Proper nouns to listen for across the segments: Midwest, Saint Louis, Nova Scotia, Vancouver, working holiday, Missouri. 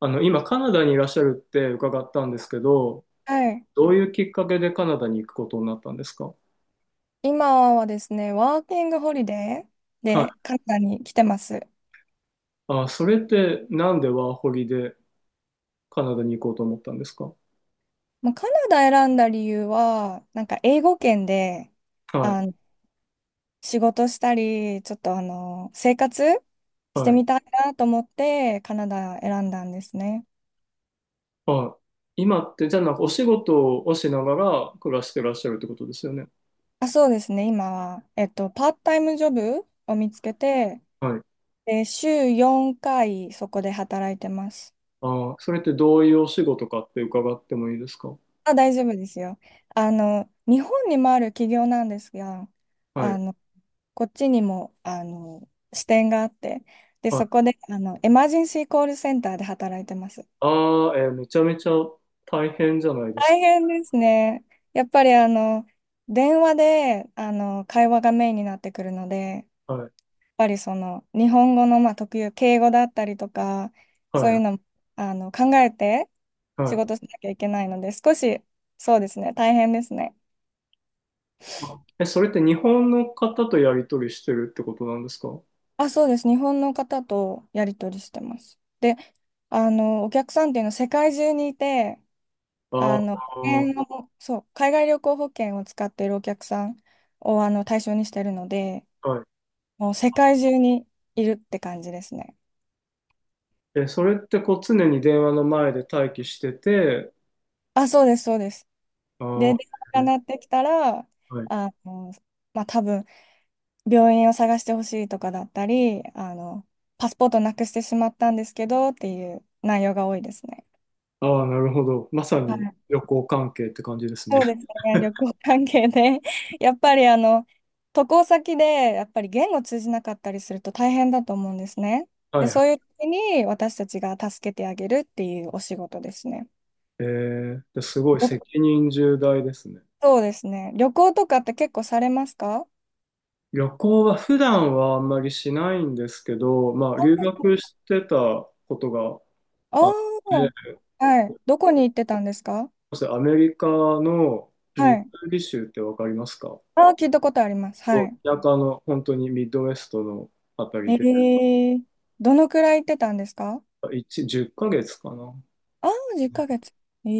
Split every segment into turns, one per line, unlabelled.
今カナダにいらっしゃるって伺ったんですけど、
はい。
どういうきっかけでカナダに行くことになったんですか？
今はですね、ワーキングホリデー
はい。
でカナダに来てます。
あ、それってなんでワーホリでカナダに行こうと思ったんですか？
まあ、カナダ選んだ理由は、なんか英語圏で、あ
は
の、仕事したり、ちょっと生活
い。
し
は
て
い。
みたいなと思ってカナダ選んだんですね。
はい。今って、じゃあなんかお仕事をしながら暮らしてらっしゃるってことですよね。
あ、そうですね、今は、パートタイムジョブを見つけて、
はい。
で、週4回そこで働いてます。
ああ、それってどういうお仕事かって伺ってもいいですか？
あ、大丈夫ですよ。日本にもある企業なんですが、
は
あ
い。
のこっちにも、支店があって、で、
は
そ
い。
こで、エマージンシーコールセンターで働いてます。
ああ、めちゃめちゃ大変じゃないですか。
大変ですね。やっぱり、電話で、会話がメインになってくるので、やっ
はい。
ぱりその、日本語の、まあ、特有、敬語だったりとか、
は
そういう
い。
の、考えて
は
仕
い。
事しなきゃいけないので、少し、そうですね、大変ですね。
それって日本の方とやり取りしてるってことなんですか？
あ、そうです。日本の方とやり取りしてます。で、お客さんっていうのは世界中にいて、
ああ、
保険のそう、海外旅行保険を使っているお客さんを対象にしているので、
は
もう世界中にいるって感じですね。
い。え、それってこう常に電話の前で待機してて、
あ、そうです、そうです。
あ
で、電話
あ、
が
え
鳴ってきたら、
はい。
あの、まあ、多分、病院を探してほしいとかだったり、パスポートなくしてしまったんですけどっていう内容が多いですね。
ああ、なるほど。まさに旅行関係って感じですね。
そうですね、旅行関係で。やっぱり渡航先で、やっぱり言語通じなかったりすると大変だと思うんですね。
は
で、
いは
そう
い。
いう時に私たちが助けてあげるっていうお仕事ですね。
ですごい
よ
責任重大ですね。
そうですね。旅行とかって結構されますか？
旅行は普段はあんまりしないんですけど、まあ留
あ
学してたことが
あ
あって、
ー、はい。どこに行ってたんですか？
そしてアメリカのミ
は
ズ
い。
ーリ州ってわかりますか？
ああ、聞いたことあります。
す
は
ごい
い。
田舎の本当にミッドウェストのあたり
え
で、
え、どのくらい行ってたんですか？
1、10ヶ月かげつかな。
ああー、10ヶ月。え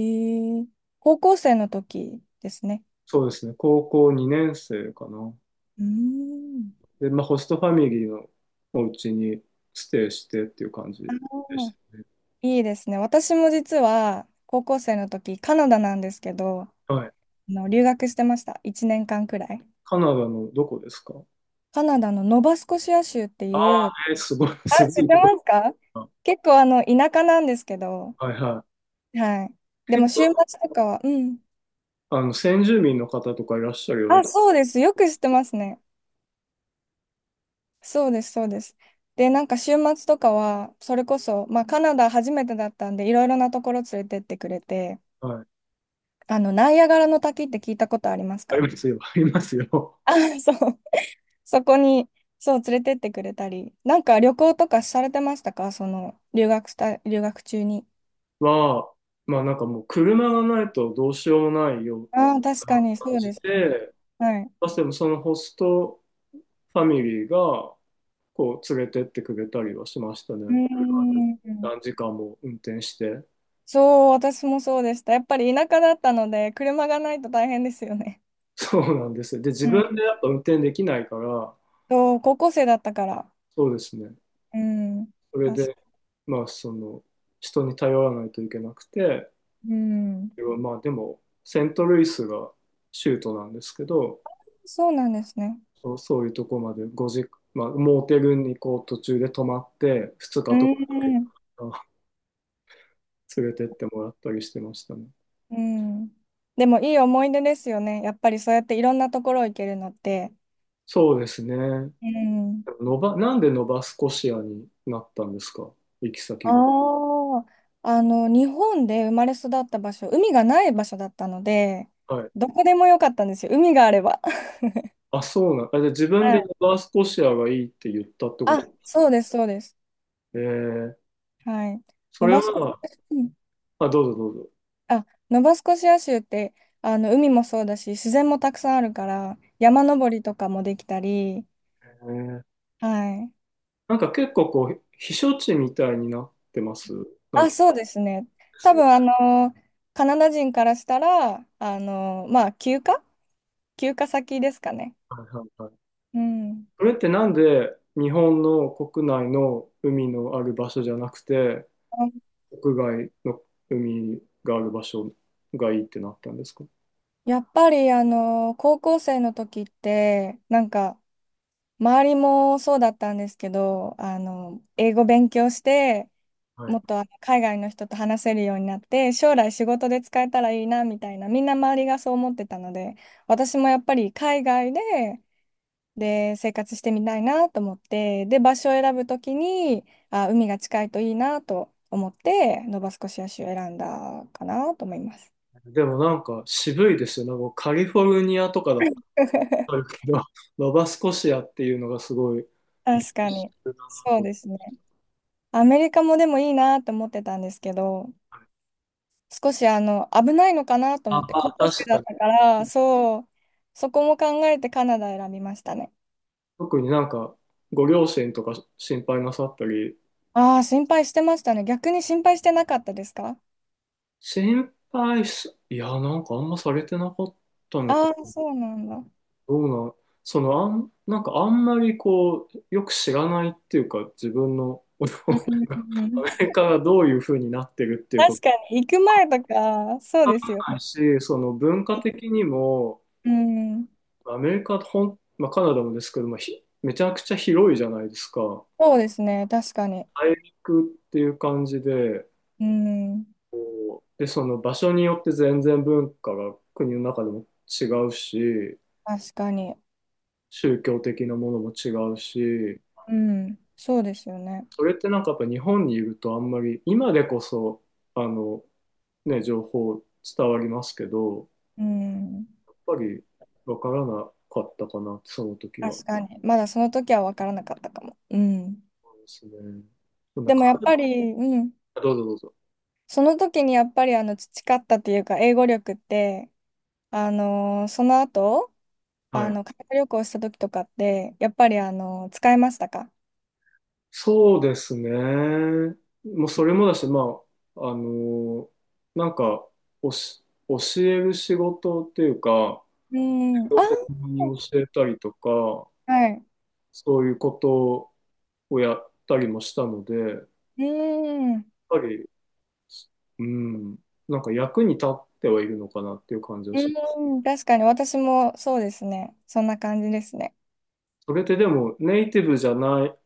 え、高校生の時ですね。
そうですね、高校2年生かな。
うーん。
で、まあ、ホストファミリーのお家にステイしてっていう感じ
あ
でし
の
たね。
いいですね。私も実は高校生の時、カナダなんですけど、
はい。
留学してました。1年間くらい。
カナダのどこですか？
カナダのノバスコシア州って
あ
い
あ
う、
ー、すごい、
あ、
す
知
ご
っ
い
て
とこ
ますか？
だな。
結構田舎なんですけど、
はいは
はい。で
い。
も
結
週末
構、
とかは、うん。
先住民の方とかいらっしゃるよう
あ、そうです。よく知ってますね。そうです、そうです。で、なんか週末とかは、それこそ、まあカナダ初めてだったんで、いろいろなところ連れてってくれて、
な、はい。
ナイアガラの滝って聞いたことあります
あり
か？
ますよ、ありますよ。
あ、そう。そこに、そう、連れてってくれたり。なんか旅行とかされてましたか？その、留学した、留学中に。
は、まあなんかもう車がないとどうしようもないよう
ああ、確か
な
に、そ
感
う
じ
ですね。
で、
はい。
まあ、でもそのホストファミリーが、連れてってくれたりはしました
う
ね。
ー
車で何
ん。
時間も運転して。
そう、私もそうでした。やっぱり田舎だったので、車がないと大変ですよね。
そうなんですよ。で、自
う
分で
ん。
やっぱ運転できないから、
そう、高校生だったから。
そうですね。
うん。
それ
確
で、
か、
まあ、人に頼らないといけなくて、
うん。
まあ、でも、セントルイスが州都なんですけど、
そうなんですね。
そう、そういうとこまで5時、まあ、モーテルにこう途中で泊まって、2
う
日とかかけて
ん。
連れてってもらったりしてましたね。
うん。でも、いい思い出ですよね。やっぱりそうやっていろんなところ行けるのって。
そうですね。
うん。
なんでノバスコシアになったんですか？行き先が。
ああ、日本で生まれ育った場所、海がない場所だったので、
はい。
どこでもよかったんですよ、海があれば。
あ、そうなん。あ、じゃあ自分
は
でノ
い。
バスコシアがいいって言ったってこ
あ、
とですか？
そうです、そうです。
えー、
はい。
そ
ノ
れ
バスコシ
は、
ア州、うん。
あ、どうぞどうぞ。
あ、ノバスコシア州って、海もそうだし、自然もたくさんあるから、山登りとかもできたり、
えー、
はい。
なんか結構避暑地みたいになってます。なん
あ、
か
そうですね。
で
多
すよ。
分、カナダ人からしたら、まあ、休暇先ですかね。
はいはいはい。
うん。
それってなんで日本の国内の海のある場所じゃなくて、国外の海がある場所がいいってなったんですか？
やっぱり高校生の時ってなんか周りもそうだったんですけど英語勉強してもっと海外の人と話せるようになって将来仕事で使えたらいいなみたいなみんな周りがそう思ってたので私もやっぱり海外で、で生活してみたいなと思ってで場所を選ぶ時にあ海が近いといいなと思ってノバスコシア州を選んだかなと思います。
でもなんか渋いですよね。なんかカリフォルニアとかだったらある けど、ノバスコシアっていうのがすごい
確か
一
に
緒だな
そう
と。
ですね。アメリカもでもいいなって思ってたんですけど、少し危ないのかなと
あ、
思って、
ま
高
あ
校生
確
だ
か
っ
に。
たから、そう、そこも考えてカナダ選びましたね。
特になんかご両親とか心配なさったり、
ああ、心配してましたね。逆に心配してなかったですか？
心配す、いや、なんかあんまされてなかったの
あ
か。
あー、そうなんだ。う
どうなん、なんかあんまりよく知らないっていうか、自分の親
んう
が
んう
ア
ん、確
メリカが どういう風になってるっていうこと
かに、行く前とか、そうですよ。
もないし、その文化的にも、
うん、
アメリカ、まあ、カナダもですけど、まあ、めちゃくちゃ広いじゃないですか。
そうですね、確かに。
国っていう感じで、
うん、
で、その場所によって全然文化が国の中でも違うし、
確かに。
宗教的なものも違うし、
うん、そうですよね。
それってなんかやっぱ日本にいるとあんまり、今でこそ、あの、ね、情報伝わりますけど、
うん、
やっぱりわからなかったかな、その時は。
確かに。まだその時は分からなかったかも。うん。
そうですね。そんな
でも
感
やっ
じ。
ぱり、うん、
どうぞどうぞ。
その時にやっぱり培ったというか、英語力って、その後、
はい。
海外旅行した時とかって、やっぱり使えましたか？
そうですね。もうそれもだし、まあ、なんか、教える仕事っていうか、
うん、あ
子供に
ー、
教えたりとか、
はい。
そういうことをやったりもしたので、やっ
うん、
ぱり、うん、なんか役に立ってはいるのかなっていう感じはします。
うん、確かに私もそうですね。そんな感じですね。
それってでも、ネイティブじゃない、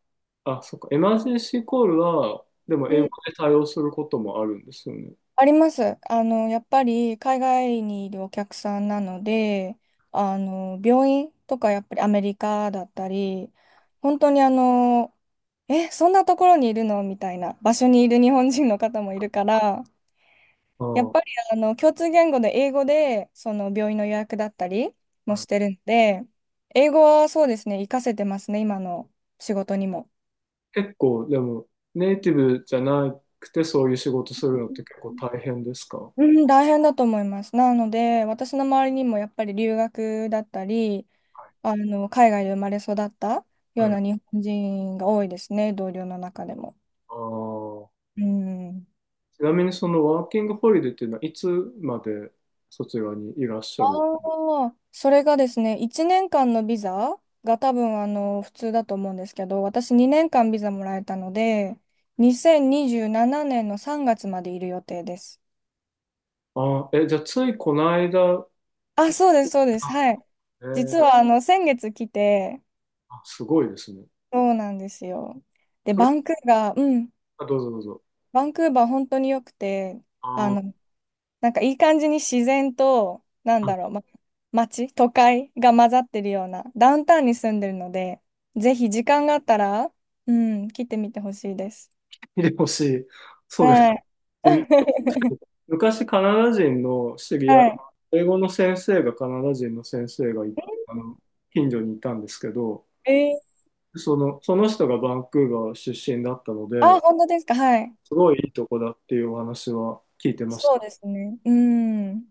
あ、そっか、エマージェンシーコールは、でも英語で対応することもあるんですよね。
あります。やっぱり海外にいるお客さんなので、病院とかやっぱりアメリカだったり、本当にえ、そんなところにいるのみたいな場所にいる日本人の方もいるから、やっぱ
あ
り共通言語で英語で、その病院の予約だったりもし
あ。
てるので、英語はそうですね、活かせてますね、今の仕事にも。
結構、でも、ネイティブじゃなくて、そういう仕事するのって結構大変ですか？
うん、大変だと思います。なので、私の周りにもやっぱり留学だったり、海外で生まれ育ったよう
はい。
な日本人が多いですね、同僚の中でも。
あー、
うん。
ちなみに、そのワーキングホリデーっていうのは、いつまでそちらにいらっしゃる？
ああ、それがですね、1年間のビザが多分普通だと思うんですけど、私2年間ビザもらえたので、2027年の3月までいる予定です。
あーえ、じゃあ、ついこの間、
あ、
い
そうです、そうです。
あ
はい。
え
実
ー
は先月来て、
あ、すごいですね。
そうなんですよ。で、
それ、
バンクーバー、うん、
あ、どうぞどうぞ。
バンクーバー本当に良くて、
あ
あ
ー、
の、なんかいい感じに自然と、なん
あ、
だろう、ま、街、都会が混ざってるような、ダウンタウンに住んでるので、ぜひ時間があったら、うん、来てみてほしいです。
見てほしい。そうです。
はい。
でみ 昔、カナダ人の知り合い、
は
英語の先生がカナダ人の先生がいあの近所にいたんですけど、
い。えー、
その人がバンクーバー出身だったので、
あ、本当ですか。はい。
すごいいいとこだっていうお話は聞いてまし
そう
た。
ですね。うん。